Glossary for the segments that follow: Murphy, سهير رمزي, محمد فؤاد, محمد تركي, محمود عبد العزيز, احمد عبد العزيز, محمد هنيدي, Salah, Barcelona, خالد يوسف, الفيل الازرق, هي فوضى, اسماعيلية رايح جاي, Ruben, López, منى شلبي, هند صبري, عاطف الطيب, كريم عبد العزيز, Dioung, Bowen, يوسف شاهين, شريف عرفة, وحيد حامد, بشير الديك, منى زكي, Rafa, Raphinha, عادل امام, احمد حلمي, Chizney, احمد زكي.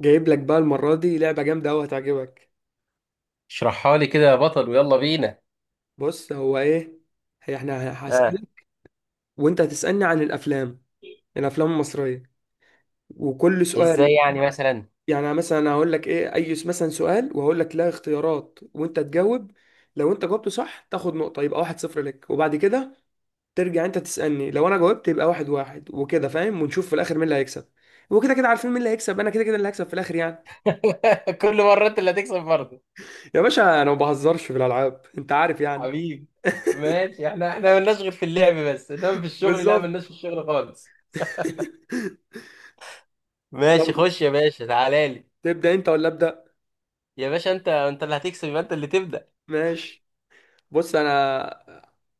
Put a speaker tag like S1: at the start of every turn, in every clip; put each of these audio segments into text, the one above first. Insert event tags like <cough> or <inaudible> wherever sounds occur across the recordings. S1: جايب لك بقى المرة دي لعبة جامدة أوي هتعجبك.
S2: اشرحها لي كده يا بطل، ويلا بينا.
S1: بص هو إيه، هي إحنا
S2: اه.
S1: هسألك وأنت هتسألني عن الأفلام، الأفلام المصرية، وكل سؤال
S2: ازاي يعني مثلا؟
S1: يعني مثلا أنا هقول لك إيه أي مثلا سؤال وهقول لك لا اختيارات وأنت تجاوب. لو أنت جاوبته صح تاخد نقطة، يبقى 1-0 لك، وبعد كده ترجع أنت تسألني، لو أنا جاوبت يبقى 1-1 وكده، فاهم؟ ونشوف في الآخر مين اللي هيكسب. وكده كده عارفين مين اللي هيكسب، أنا كده كده اللي هكسب في الآخر يعني.
S2: <laughs> كل مرة انت اللي هتكسب برضه.
S1: يا باشا أنا ما بهزرش في الألعاب، أنت عارف يعني.
S2: حبيبي.
S1: <laughs>
S2: ماشي، احنا ملناش غير في اللعب، بس انما في الشغل لا،
S1: بالظبط.
S2: ملناش في الشغل خالص.
S1: <laughs>
S2: ماشي،
S1: يلا.
S2: خش يا باشا، تعالى لي.
S1: تبدأ انت ولا ابدأ؟
S2: يا باشا، انت اللي هتكسب، يبقى انت اللي تبدأ.
S1: ماشي. بص انا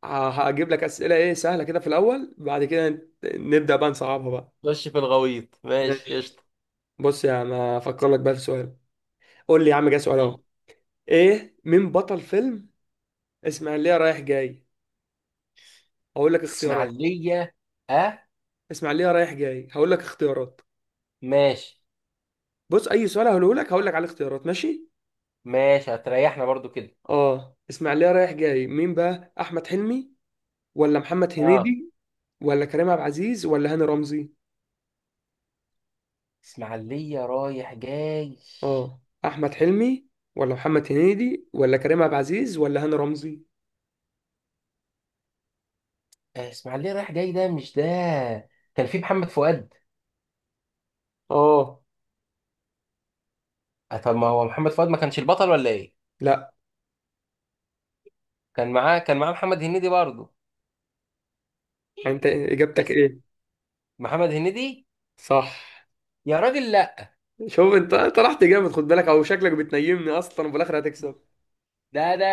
S1: هجيب لك أسئلة ايه سهلة كده في الاول، بعد كده نبدأ بقى نصعبها بقى.
S2: خش في الغويط، ماشي
S1: ماشي.
S2: قشطة.
S1: بص يا عم هفكر لك بقى في سؤال. قول لي يا عم جه سؤال
S2: م.
S1: اهو. ايه، مين بطل فيلم اسماعيلية رايح جاي؟ هقول لك اختيارات.
S2: اسماعيلية. اه.
S1: اسماعيلية رايح جاي، هقول لك اختيارات.
S2: ماشي.
S1: بص اي سؤال هقوله لك هقول لك على الاختيارات، ماشي.
S2: ماشي، هتريحنا برضو كده.
S1: اه، اسماعيلية رايح جاي مين بقى، احمد حلمي ولا محمد
S2: اه
S1: هنيدي ولا كريم عبد العزيز ولا هاني رمزي؟
S2: اسماعيلية رايح جاي.
S1: اه، احمد حلمي ولا محمد هنيدي ولا كريم عبد العزيز ولا هاني رمزي؟
S2: اسماعيلية رايح جاي ده مش ده. كان في محمد فؤاد.
S1: اه.
S2: طب ما هو محمد فؤاد ما كانش البطل، ولا ايه؟
S1: لا.
S2: كان معاه محمد هنيدي برضه.
S1: انت اجابتك
S2: بس.
S1: ايه؟
S2: محمد هنيدي.
S1: صح.
S2: يا راجل، لا.
S1: شوف انت، رحت جامد، خد بالك، او شكلك بتنيمني اصلا وفي الاخر هتكسب.
S2: ده ده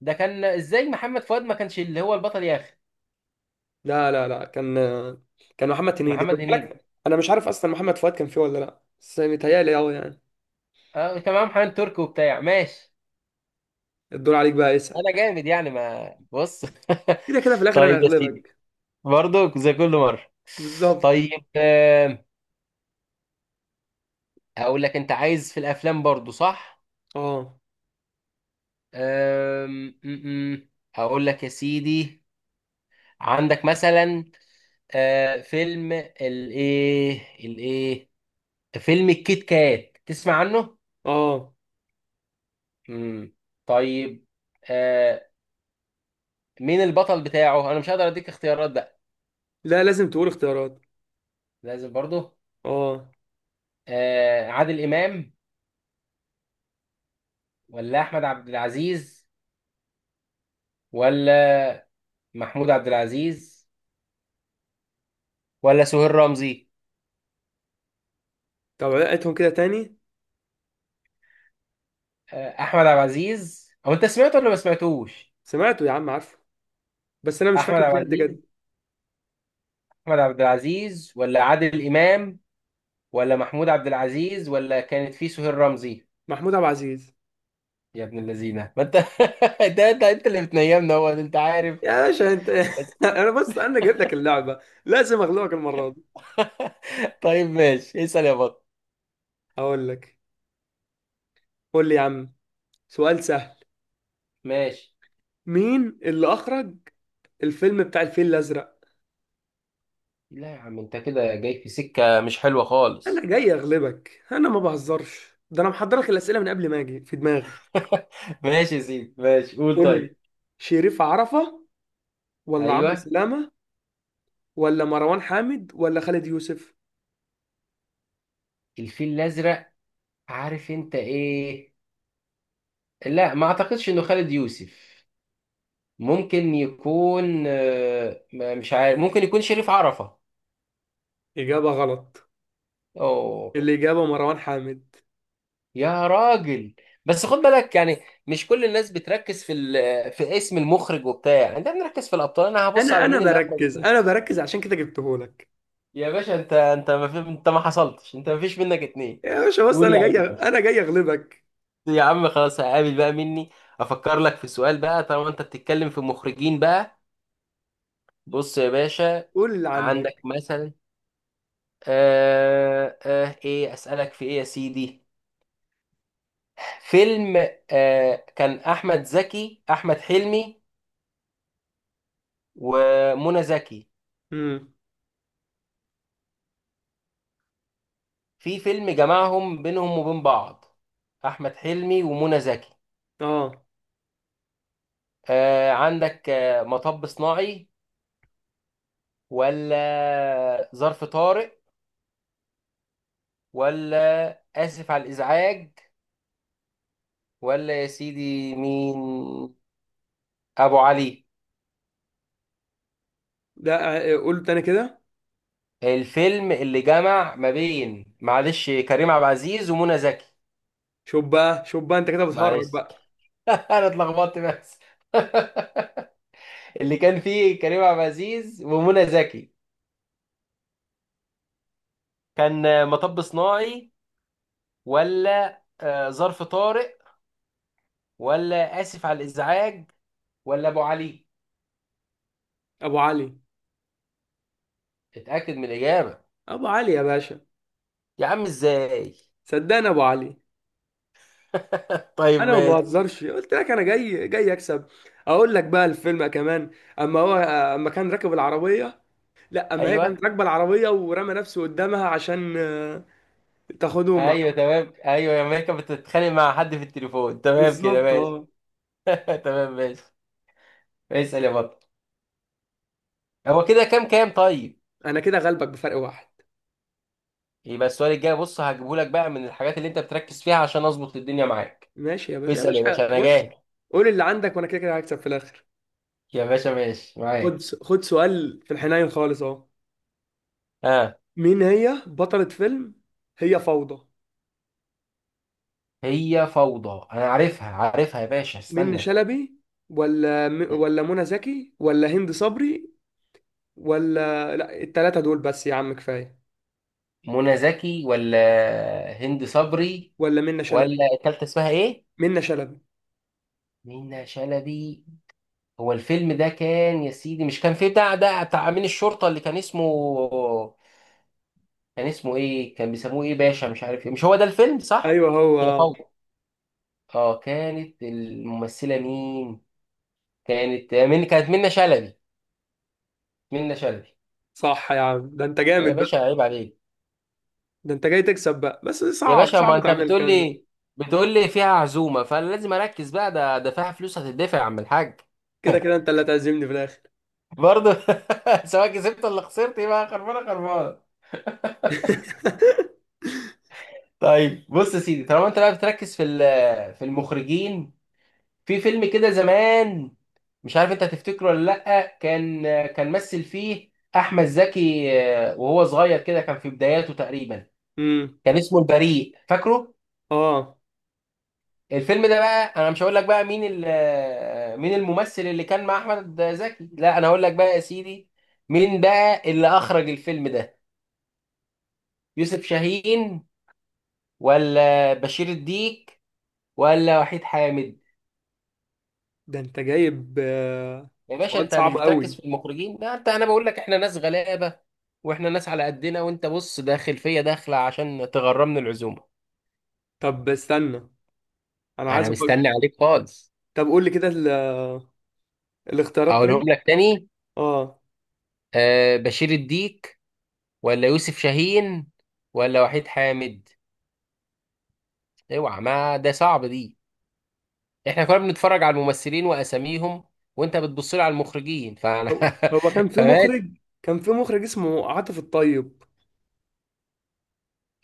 S2: ده كان ازاي محمد فؤاد ما كانش اللي هو البطل يا اخي؟
S1: لا لا لا، كان، كان محمد هنيدي. خد
S2: محمد هنيدي.
S1: بالك انا مش عارف اصلا محمد فؤاد كان فيه ولا لا، بس متهيألي اه يعني.
S2: اه كان معاه محمد تركي وبتاع، ماشي.
S1: الدور عليك بقى، اسأل.
S2: انا جامد يعني، ما بص.
S1: كده كده في
S2: <laughs>
S1: الاخر انا
S2: طيب يا سيدي.
S1: هغلبك.
S2: برضه زي كل مره.
S1: بالظبط.
S2: طيب، اقول لك، انت عايز في الافلام برضه صح؟
S1: اه.
S2: آم، م- م. اقول لك يا سيدي، عندك مثلا فيلم الايه فيلم الكيت كات، تسمع عنه؟
S1: اه.
S2: امم. طيب. آه مين البطل بتاعه؟ انا مش هقدر اديك اختيارات بقى.
S1: لا لازم تقول اختيارات.
S2: لازم برضه.
S1: اه.
S2: عادل امام، ولا احمد عبد العزيز، ولا محمود عبد العزيز، ولا سهير رمزي؟
S1: طب عيدهم كده تاني.
S2: احمد عبد العزيز، او انت سمعته ولا ما سمعتوش؟
S1: سمعته يا عم عارفه، بس انا مش
S2: احمد
S1: فاكر
S2: عبد
S1: فيه قد كده.
S2: العزيز. احمد عبد العزيز ولا عادل امام، ولا محمود عبد العزيز، ولا كانت في سهير رمزي؟
S1: محمود عبد العزيز.
S2: يا ابن اللذينه ما انت. <laughs> ده انت اللي بتنيمنا هو، انت عارف.
S1: يا باشا انت.
S2: بس.
S1: <laughs> انا بص، انا جايب لك اللعبه، لازم اغلبك المره دي.
S2: <laughs> طيب ماشي، اسال يا بطل.
S1: اقول لك، قول لي يا عم سؤال سهل،
S2: ماشي.
S1: مين اللي اخرج الفيلم بتاع الفيل الازرق؟
S2: لا يا عم، انت كده جاي في سكه مش حلوه
S1: انا
S2: خالص.
S1: جاي اغلبك، انا ما بهزرش، ده انا محضر لك الاسئله من قبل ما اجي في دماغي.
S2: <laughs> ماشي يا سيدي، ماشي قول
S1: قول
S2: طيب.
S1: لي. شريف عرفة ولا عمرو
S2: ايوه.
S1: سلامة ولا مروان حامد ولا خالد يوسف؟
S2: الفيل الازرق. عارف انت ايه؟ لا ما اعتقدش انه خالد يوسف. ممكن يكون، مش عارف، ممكن يكون شريف عرفة.
S1: اجابه غلط.
S2: اوه.
S1: الاجابه مروان حامد.
S2: يا راجل. بس خد بالك يعني، مش كل الناس بتركز في اسم المخرج وبتاع يعني، انت بنركز في الابطال، انا هبص
S1: انا
S2: على
S1: انا
S2: مين اللي اخرج
S1: بركز،
S2: الفيلم.
S1: انا بركز عشان كده جبتهولك.
S2: يا باشا، انت ما في... انت ما حصلتش، انت ما فيش منك اتنين.
S1: يا باشا بص،
S2: قول يا
S1: انا جاي،
S2: عم باشا.
S1: انا جاي اغلبك.
S2: يا عم خلاص، هقابل بقى مني. افكر لك في سؤال بقى طالما انت بتتكلم في مخرجين بقى. بص يا باشا،
S1: قول اللي
S2: عندك
S1: عندك.
S2: مثلا، ايه اسالك في ايه يا سيدي؟ فيلم، كان احمد حلمي ومنى زكي،
S1: امم.
S2: في فيلم جمعهم بينهم وبين بعض؟ احمد حلمي ومنى زكي.
S1: اه.
S2: عندك مطب صناعي، ولا ظرف طارق، ولا اسف على الازعاج، ولا يا سيدي مين؟ ابو علي؟
S1: لا، قول تاني كده.
S2: الفيلم اللي جمع ما بين، معلش، كريم عبد العزيز ومنى زكي.
S1: شوف بقى شوف بقى، انت كده بتهرج
S2: معلش.
S1: بقى.
S2: <laughs> انا اتلخبطت بس. <laughs> اللي كان فيه كريم عبد العزيز ومنى زكي، كان مطب صناعي، ولا ظرف طارئ، ولا آسف على الإزعاج، ولا أبو علي؟
S1: ابو علي.
S2: اتأكد من الإجابة.
S1: ابو علي يا باشا.
S2: يا عم إزاي؟
S1: صدقني ابو علي.
S2: <laughs> طيب
S1: انا ما
S2: ماشي.
S1: بهزرش قلت لك، انا جاي جاي اكسب. اقول لك بقى الفيلم كمان. اما هو، اما كان راكب العربيه، لا اما هي
S2: أيوه.
S1: كانت راكبه العربيه ورمى نفسه قدامها عشان تاخده مع.
S2: أيوه تمام، أيوه يا ماما كانت بتتخانق مع حد في التليفون،
S1: <laughs>
S2: تمام كده،
S1: بالظبط
S2: ماشي.
S1: اه.
S2: <laughs> تمام ماشي. اسأل يا بطل. هو كده كام طيب؟
S1: انا كده غلبك بفرق واحد.
S2: يبقى السؤال الجاي بص هجيبه لك بقى من الحاجات اللي أنت بتركز فيها عشان أظبط الدنيا معاك.
S1: ماشي يا باشا، يا
S2: اسأل يا باشا،
S1: باشا
S2: أنا
S1: بص.
S2: جاي.
S1: قول اللي عندك وانا كده كده هكسب في الاخر.
S2: يا باشا ماشي
S1: خد
S2: معاك.
S1: خد سؤال في الحنين خالص اهو.
S2: آه
S1: مين هي بطلة فيلم هي فوضى؟
S2: هي فوضى. أنا عارفها عارفها يا باشا،
S1: منة
S2: استنى.
S1: شلبي ولا ولا منى زكي ولا هند صبري، ولا لا التلاتة دول بس يا عم كفاية،
S2: منى زكي ولا هند صبري؟
S1: ولا منة شلبي؟
S2: ولا التالتة اسمها ايه؟
S1: منة شلبي.
S2: منى شلبي. هو الفيلم ده كان يا سيدي، مش كان فيه بتاع ده بتاع امين الشرطة اللي كان اسمه، كان اسمه ايه؟ كان بيسموه ايه باشا، مش عارف ايه، مش هو ده الفيلم صح؟
S1: ايوه هو
S2: هي
S1: آه.
S2: فوضى. اه كانت الممثلة مين؟ كانت منى شلبي. منى شلبي.
S1: صح يا عم، ده انت
S2: يا
S1: جامد
S2: باشا
S1: بقى.
S2: عيب عليك.
S1: ده انت جاي تكسب بقى، بس
S2: يا
S1: صعب
S2: باشا،
S1: صعب
S2: ما انت
S1: تعمل
S2: بتقول
S1: الكلام ده.
S2: لي، بتقول لي فيها عزومة فلازم اركز بقى، ده فيها فلوس هتدفع يا عم الحاج.
S1: كده
S2: <laughs>
S1: كده انت اللي هتعزمني في الاخر.
S2: برضه. <laughs> سواء كسبت ولا خسرت يبقى خربانه خربانه.
S1: <laughs>
S2: طيب بص يا سيدي، طالما انت بقى بتركز في المخرجين، في فيلم كده زمان، مش عارف انت هتفتكره ولا لا. كان، مثل فيه احمد زكي، وهو صغير كده، كان في بداياته تقريبا،
S1: امم،
S2: كان اسمه البريء، فاكره؟
S1: اه.
S2: الفيلم ده بقى، انا مش هقول لك بقى مين مين الممثل اللي كان مع احمد زكي، لا انا هقول لك بقى يا سيدي، مين بقى اللي اخرج الفيلم ده؟ يوسف شاهين، ولا بشير الديك، ولا وحيد حامد؟
S1: ده انت جايب
S2: يا باشا
S1: سؤال
S2: انت مش
S1: صعب
S2: بتركز
S1: قوي.
S2: في المخرجين؟ لا انا بقول لك احنا ناس غلابه، واحنا ناس على قدنا، وانت بص داخل فيا داخله عشان تغرمني العزومه.
S1: طب استنى، انا
S2: انا
S1: عايز
S2: مستني
S1: افكر.
S2: عليك خالص.
S1: طب قول لي كده الاختيارات
S2: اقولهم
S1: تاني.
S2: لك تاني.
S1: اه.
S2: بشير الديك، ولا يوسف شاهين، ولا وحيد حامد. اوعى، ما ده صعب دي. احنا كنا بنتفرج على الممثلين واساميهم، وانت بتبص لي على المخرجين فانا.
S1: هو هو كان
S2: <laughs>
S1: في
S2: فماشي.
S1: مخرج، كان في مخرج اسمه عاطف الطيب.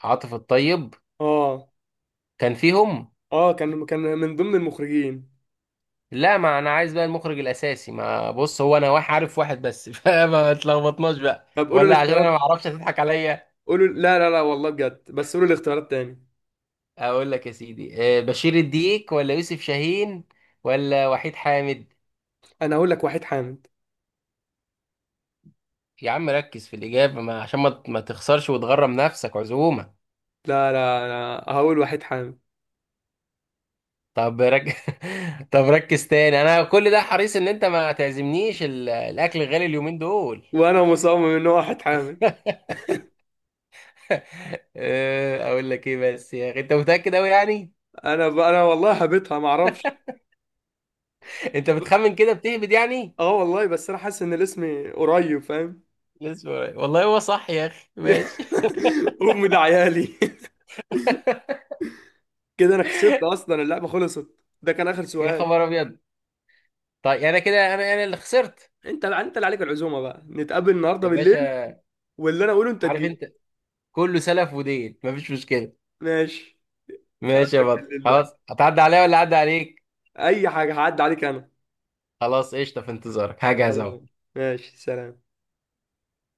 S2: عاطف الطيب
S1: اه.
S2: كان فيهم.
S1: اه، كان من ضمن المخرجين.
S2: لا ما انا عايز بقى المخرج الاساسي، ما بص هو انا واحد عارف واحد بس. <laughs> فما تلخبطناش بقى،
S1: طب قولوا
S2: ولا عشان انا ما
S1: الاختيارات،
S2: اعرفش هتضحك عليا.
S1: قولوا. لا لا لا والله بجد، بس قولوا الاختيارات تاني.
S2: اقول لك يا سيدي، بشير الديك، ولا يوسف شاهين، ولا وحيد حامد؟
S1: انا هقول لك وحيد حامد.
S2: يا عم ركز في الاجابه ما، عشان ما تخسرش وتغرم نفسك عزومه.
S1: لا لا، انا هقول وحيد حامد.
S2: طب رك... <laughs> طب ركز تاني، انا كل ده حريص ان انت ما تعزمنيش الاكل غالي اليومين دول.
S1: وانا مصمم ان هو وحيد حامد.
S2: <laughs> اقول لك ايه بس يا اخي، انت متاكد قوي يعني؟
S1: انا انا والله هبتها ما اعرفش.
S2: <laughs> انت بتخمن كده، بتهبد يعني؟
S1: اه والله، بس انا حاسس ان الاسم قريب، فاهم.
S2: لسه ورايا. والله هو صح يا اخي، ماشي.
S1: <laughs> امي ده عيالي. كده انا كسبت اصلا، اللعبه خلصت، ده كان اخر
S2: <laughs> يا
S1: سؤال.
S2: خبر ابيض. طيب، انا كده انا اللي خسرت.
S1: انت انت اللي عليك العزومه بقى، نتقابل النهارده
S2: يا
S1: بالليل،
S2: باشا
S1: واللي انا اقوله انت
S2: عارف
S1: تجيبه.
S2: انت، كله سلف ودين، مفيش مشكله.
S1: ماشي.
S2: ماشي يا
S1: اقابلك
S2: بطل،
S1: بالليل بقى،
S2: خلاص، هتعدي عليا ولا عدى عليك؟
S1: اي حاجه هعدي عليك انا.
S2: خلاص قشطه، في انتظارك هجهز اهو.
S1: يلا. ماشي، سلام.